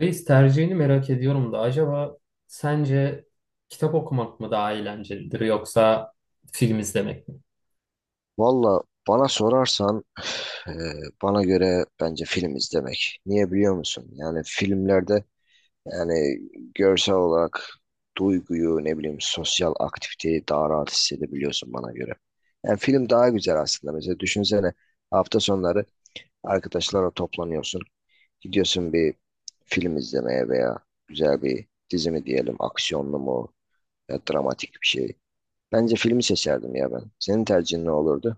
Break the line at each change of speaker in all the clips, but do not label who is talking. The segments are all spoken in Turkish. Reis, tercihini merak ediyorum da acaba sence kitap okumak mı daha eğlencelidir yoksa film izlemek mi?
Valla bana sorarsan eee, bana göre bence film izlemek. Niye biliyor musun? Yani filmlerde yani görsel olarak duyguyu ne bileyim sosyal aktiviteyi daha rahat hissedebiliyorsun bana göre. Yani film daha güzel aslında. Mesela düşünsene hafta sonları arkadaşlarla toplanıyorsun. Gidiyorsun bir film izlemeye veya güzel bir dizi mi diyelim aksiyonlu mu ya dramatik bir şey. Bence filmi seçerdim ya ben. Senin tercihin ne olurdu?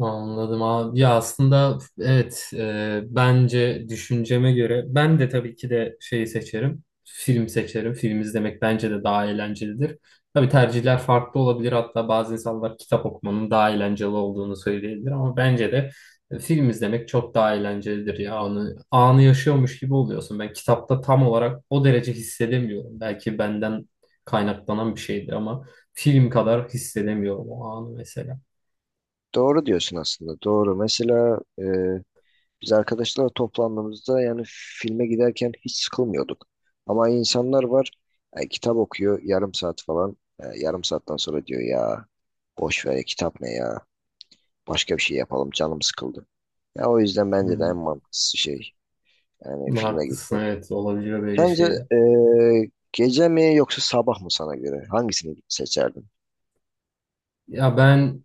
Anladım abi. Ya aslında evet, bence düşünceme göre ben de tabii ki de şeyi seçerim. Film seçerim. Film izlemek bence de daha eğlencelidir. Tabii tercihler farklı olabilir. Hatta bazı insanlar kitap okumanın daha eğlenceli olduğunu söyleyebilir ama bence de film izlemek çok daha eğlencelidir ya. Anı, anı yaşıyormuş gibi oluyorsun. Ben kitapta tam olarak o derece hissedemiyorum. Belki benden kaynaklanan bir şeydir ama film kadar hissedemiyorum o anı mesela.
Doğru diyorsun aslında. Doğru. Mesela biz arkadaşlarla toplandığımızda yani filme giderken hiç sıkılmıyorduk. Ama insanlar var kitap okuyor yarım saat falan. Yarım saatten sonra diyor ya boş ver ya, kitap ne ya. Başka bir şey yapalım canım sıkıldı. Ya o yüzden bence de en
Hmm.
mantıklısı şey yani filme
Haklısın,
gitmek.
evet, olabiliyor böyle
Sence
şeyler.
e, gece mi yoksa sabah mı sana göre? Hangisini seçerdin?
Ya ben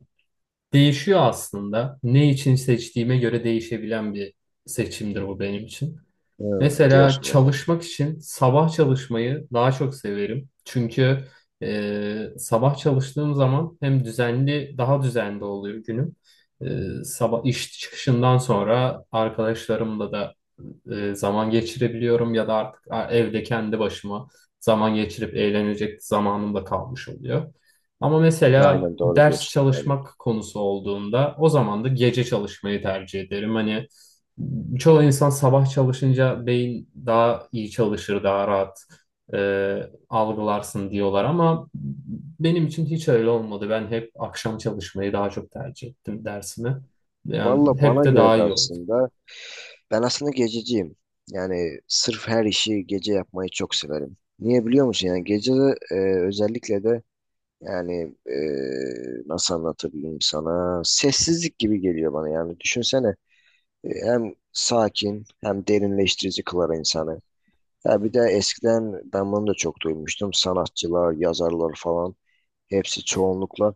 değişiyor aslında. Ne için seçtiğime göre değişebilen bir seçimdir bu benim için.
Ha,
Mesela
diyorsun yani.
çalışmak için sabah çalışmayı daha çok severim. Çünkü sabah çalıştığım zaman hem düzenli, daha düzenli oluyor günüm. E, sabah iş çıkışından sonra arkadaşlarımla da zaman geçirebiliyorum ya da artık evde kendi başıma zaman geçirip eğlenecek zamanım da kalmış oluyor. Ama mesela
Aynen doğru
ders
diyorsun. Aynen.
çalışmak konusu olduğunda o zaman da gece çalışmayı tercih ederim. Hani çoğu insan sabah çalışınca beyin daha iyi çalışır, daha rahat algılarsın diyorlar ama benim için hiç öyle olmadı. Ben hep akşam çalışmayı daha çok tercih ettim dersimi. Yani
Valla
hep
bana
de
göre
daha
de
iyi oldu.
aslında. Ben aslında gececiyim. Yani sırf her işi gece yapmayı çok severim. Niye biliyor musun? Yani gece de, özellikle de yani nasıl anlatabilirim sana? Sessizlik gibi geliyor bana yani. Düşünsene hem sakin hem derinleştirici kılar insanı. Ha bir de eskiden ben bunu da çok duymuştum. Sanatçılar, yazarlar falan. Hepsi çoğunlukla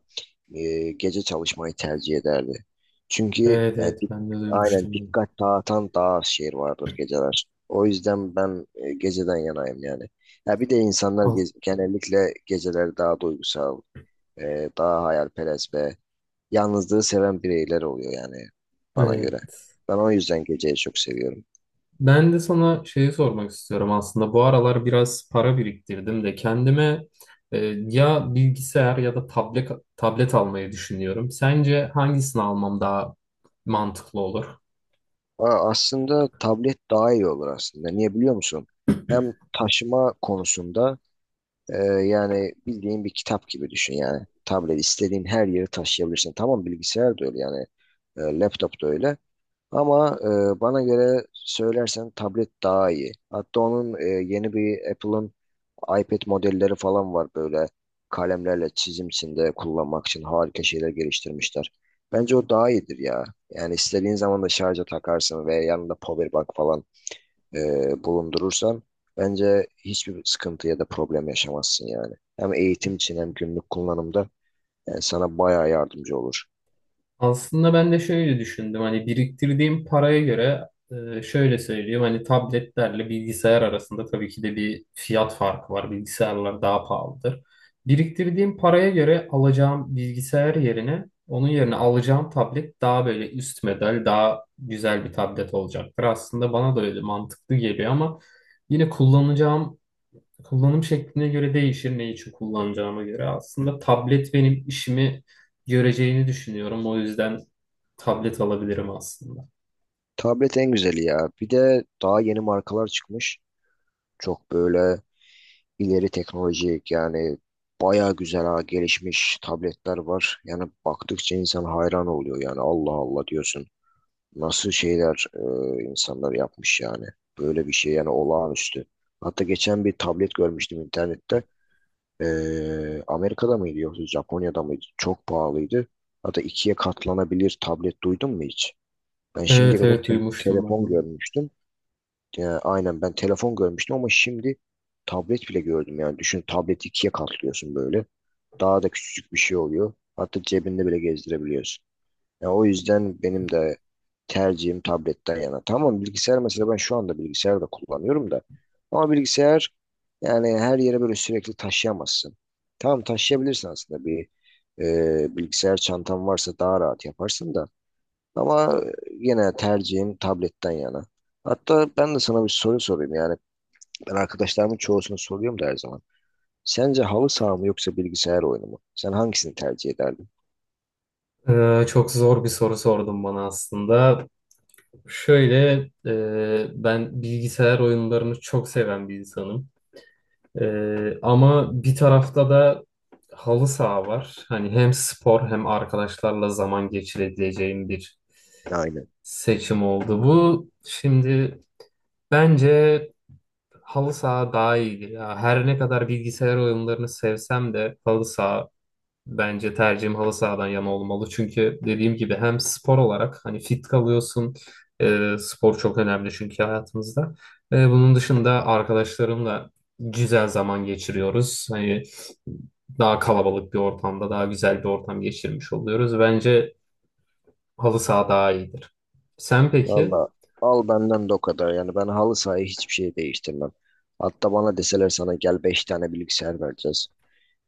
gece çalışmayı tercih ederdi. Çünkü
Evet,
yani,
evet, ben de
aynen
duymuştum bunu.
dikkat dağıtan daha az şey vardır geceler. O yüzden ben geceden yanayım yani. Ya bir de insanlar
Al,
genellikle geceleri daha duygusal, daha hayalperest ve yalnızlığı seven bireyler oluyor yani bana göre.
evet.
Ben o yüzden geceyi çok seviyorum.
Ben de sana şeyi sormak istiyorum aslında. Bu aralar biraz para biriktirdim de kendime e, ya bilgisayar ya da tablet tablet almayı düşünüyorum. Sence hangisini almam daha mantıklı olur?
Aa, aslında tablet daha iyi olur aslında. Niye biliyor musun? Hem taşıma konusunda. Ee, Yani bildiğin bir kitap gibi düşün yani. Tablet istediğin her yeri taşıyabilirsin. Tamam bilgisayar da öyle yani. E, laptop da öyle. Ama bana göre söylersen tablet daha iyi. Hatta onun yeni bir Apple'ın iPad modelleri falan var böyle kalemlerle çizimsinde kullanmak için harika şeyler geliştirmişler. Bence o daha iyidir ya. Yani istediğin zaman da şarja takarsın veya yanında power bank falan e, bulundurursan bence hiçbir sıkıntı ya da problem yaşamazsın yani. Hem eğitim için hem günlük kullanımda yani sana bayağı yardımcı olur.
Aslında ben de şöyle düşündüm, hani biriktirdiğim paraya göre, şöyle söyleyeyim, hani tabletlerle bilgisayar arasında tabii ki de bir fiyat farkı var. Bilgisayarlar daha pahalıdır. Biriktirdiğim paraya göre alacağım bilgisayar yerine, onun yerine alacağım tablet daha böyle üst model, daha güzel bir tablet olacaktır. Aslında bana da öyle mantıklı geliyor ama yine kullanacağım kullanım şekline göre değişir, ne için kullanacağıma göre. Aslında tablet benim işimi göreceğini düşünüyorum. O yüzden tablet alabilirim aslında.
Tablet en güzeli ya. Bir de daha yeni markalar çıkmış. Çok böyle ileri teknolojik yani bayağı güzel ha, gelişmiş tabletler var. Yani baktıkça insan hayran oluyor yani Allah Allah diyorsun. Nasıl şeyler insanlar yapmış yani. Böyle bir şey yani olağanüstü. Hatta geçen bir tablet görmüştüm internette. Amerika'da mıydı yoksa Japonya'da mıydı? Çok pahalıydı. Hatta ikiye katlanabilir tablet duydun mu hiç? Ben şimdiye
Evet,
kadar
evet, duymuştum ben
telefon
bunu.
görmüştüm. Aynen ben telefon görmüştüm ama şimdi tablet bile gördüm yani. Düşün tableti ikiye katlıyorsun böyle. Daha da küçücük bir şey oluyor. Hatta cebinde bile gezdirebiliyorsun. Ya o yüzden benim de tercihim tabletten yana. Tamam bilgisayar mesela ben şu anda bilgisayar da kullanıyorum da. Ama bilgisayar yani her yere böyle sürekli taşıyamazsın. Tamam taşıyabilirsin aslında bir bilgisayar çantan varsa daha rahat yaparsın da. Ama yine tercihim tabletten yana. Hatta ben de sana bir soru sorayım yani. Ben arkadaşlarımın çoğusunu soruyorum da her zaman. Sence halı saha mı yoksa bilgisayar oyunu mu? Sen hangisini tercih ederdin?
Çok zor bir soru sordum bana aslında. Şöyle, ben bilgisayar oyunlarını çok seven bir insanım. Ama bir tarafta da halı saha var. Hani hem spor hem arkadaşlarla zaman geçirebileceğim bir
Aynen.
seçim oldu bu. Şimdi bence halı saha daha iyi. Ya her ne kadar bilgisayar oyunlarını sevsem de halı saha, bence tercihim halı sahadan yana olmalı. Çünkü dediğim gibi hem spor olarak hani fit kalıyorsun. Spor çok önemli çünkü hayatımızda. Bunun dışında arkadaşlarımla güzel zaman geçiriyoruz. Hani daha kalabalık bir ortamda daha güzel bir ortam geçirmiş oluyoruz. Bence halı saha daha iyidir. Sen peki?
Valla al benden de o kadar. Yani ben halı sahayı hiçbir şey değiştirmem. Hatta bana deseler sana gel 5 tane bilgisayar vereceğiz.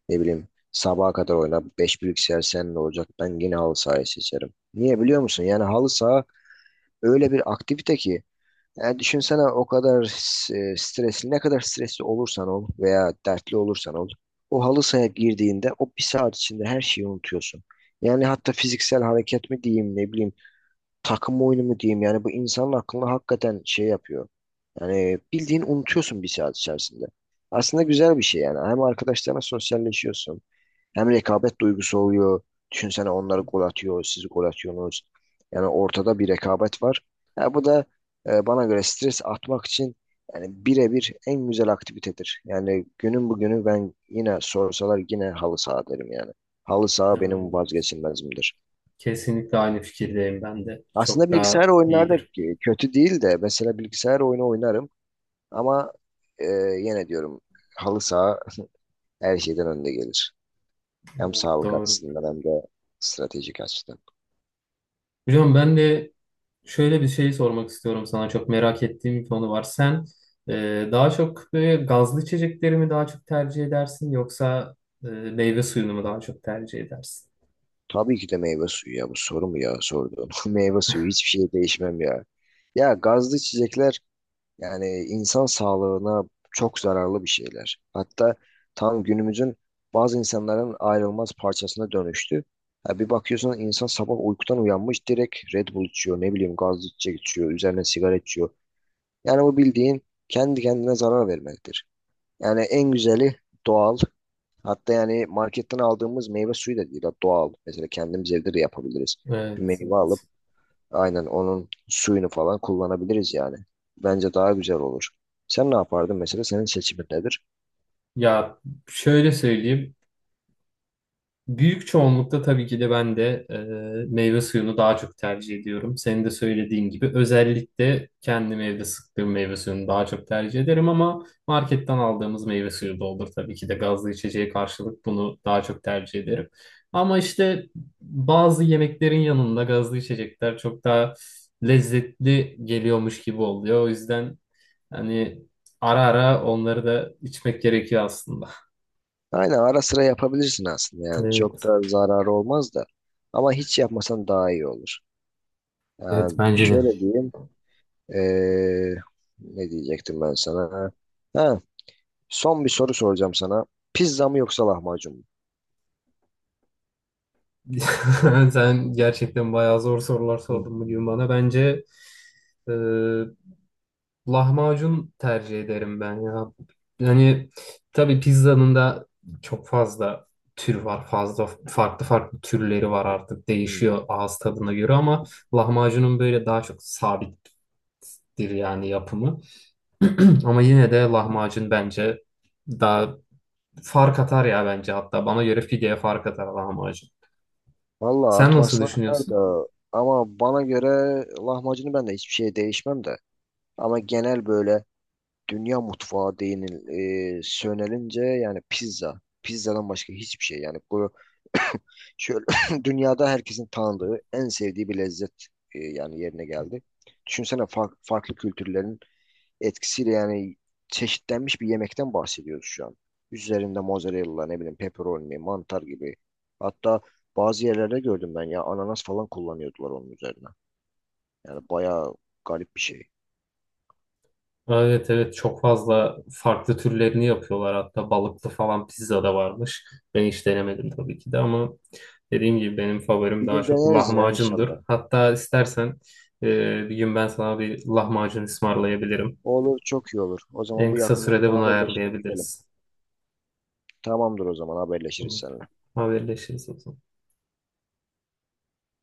Ne bileyim sabaha kadar oyna 5 bilgisayar seninle olacak. Ben yine halı sahayı seçerim. Niye biliyor musun? Yani halı saha öyle bir aktivite ki. Yani düşünsene o kadar stresli ne kadar stresli olursan ol veya dertli olursan ol. O halı sahaya girdiğinde o bir saat içinde her şeyi unutuyorsun. Yani hatta fiziksel hareket mi diyeyim ne bileyim takım oyunu mu diyeyim yani bu insanın aklını hakikaten şey yapıyor. Yani bildiğin unutuyorsun bir saat içerisinde. Aslında güzel bir şey yani. Hem arkadaşlarına sosyalleşiyorsun. Hem rekabet duygusu oluyor. Düşünsene onlar gol atıyor, siz gol atıyorsunuz. Yani ortada bir rekabet var. Ya bu da bana göre stres atmak için yani birebir en güzel aktivitedir. Yani günün bugünü ben yine sorsalar yine halı saha derim yani. Halı saha benim
E,
vazgeçilmezimdir.
kesinlikle aynı fikirdeyim ben de.
Aslında
Çok
bilgisayar
daha
oyunlarda
iyidir.
kötü değil de mesela bilgisayar oyunu oynarım ama e, yine diyorum halı saha her şeyden önde gelir. Hem
Evet,
sağlık
doğru.
açısından hem de stratejik açıdan.
Hocam ben de şöyle bir şey sormak istiyorum sana. Çok merak ettiğim bir konu var. Sen daha çok böyle gazlı içecekleri mi daha çok tercih edersin yoksa meyve suyunu mu daha çok tercih edersin?
Tabii ki de meyve suyu ya bu soru mu ya sorduğun. Meyve suyu hiçbir şey değişmem ya. Ya gazlı içecekler. Yani insan sağlığına çok zararlı bir şeyler. Hatta tam günümüzün bazı insanların ayrılmaz parçasına dönüştü. Ha, bir bakıyorsun insan sabah uykudan uyanmış direkt Red Bull içiyor, ne bileyim gazlı içecek içiyor, üzerine sigara içiyor. Yani bu bildiğin kendi kendine zarar vermektir. Yani en güzeli doğal. Hatta yani marketten aldığımız meyve suyu da değil, doğal. Mesela kendimiz evde de yapabiliriz. Bir
Evet,
meyve alıp
evet.
aynen onun suyunu falan kullanabiliriz yani. Bence daha güzel olur. Sen ne yapardın mesela? Senin seçimin nedir?
Ya şöyle söyleyeyim. Büyük çoğunlukta tabii ki de ben de meyve suyunu daha çok tercih ediyorum. Senin de söylediğin gibi, özellikle kendim evde sıktığım meyve suyunu daha çok tercih ederim ama marketten aldığımız meyve suyu da olur. Tabii ki de gazlı içeceğe karşılık bunu daha çok tercih ederim. Ama işte bazı yemeklerin yanında gazlı içecekler çok daha lezzetli geliyormuş gibi oluyor. O yüzden hani ara ara onları da içmek gerekiyor aslında.
Aynen ara sıra yapabilirsin aslında yani. Çok
Evet,
da zararı olmaz da. Ama hiç yapmasan daha iyi olur.
evet,
Yani
bence de.
şöyle diyeyim. eee, ne diyecektim ben sana? Ha, son bir soru soracağım sana. Pizza mı yoksa lahmacun mu?
Sen gerçekten bayağı zor sorular
Hı,
sordun bugün bana. Bence e, lahmacun tercih ederim ben ya. Yani tabii pizzanın da çok fazla tür var. Fazla farklı türleri var artık.
hı.
Değişiyor ağız tadına göre ama lahmacunun böyle daha çok sabittir yani yapımı. Ama yine de lahmacun bence daha fark atar ya, bence hatta. Bana göre pideye fark atar lahmacun.
Vallahi
Sen nasıl
atmasına atar
düşünüyorsun?
da ama bana göre lahmacunu ben de hiçbir şey değişmem de. Ama genel böyle dünya mutfağı değinil sönelince yani pizza. Pizzadan başka hiçbir şey yani bu şöyle dünyada herkesin tanıdığı en sevdiği bir lezzet yani yerine geldi. Düşünsene farklı kültürlerin etkisiyle yani çeşitlenmiş bir yemekten bahsediyoruz şu an. Üzerinde mozzarella ne bileyim pepperoni, mantar gibi. Hatta bazı yerlerde gördüm ben ya ananas falan kullanıyordular onun üzerine. Yani bayağı garip bir şey.
Evet, evet, çok fazla farklı türlerini yapıyorlar, hatta balıklı falan pizza da varmış. Ben hiç denemedim tabii ki de ama dediğim gibi benim favorim
Bir
daha
gün
çok
deneriz ya
lahmacundur.
inşallah.
Hatta istersen bir gün ben sana bir lahmacun ısmarlayabilirim.
Olur çok iyi olur. O zaman
En
bu
kısa
yakınlarda
sürede
bir
bunu
haberleşelim gidelim.
ayarlayabiliriz.
Tamamdır o zaman haberleşiriz seninle.
Haberleşiriz o zaman.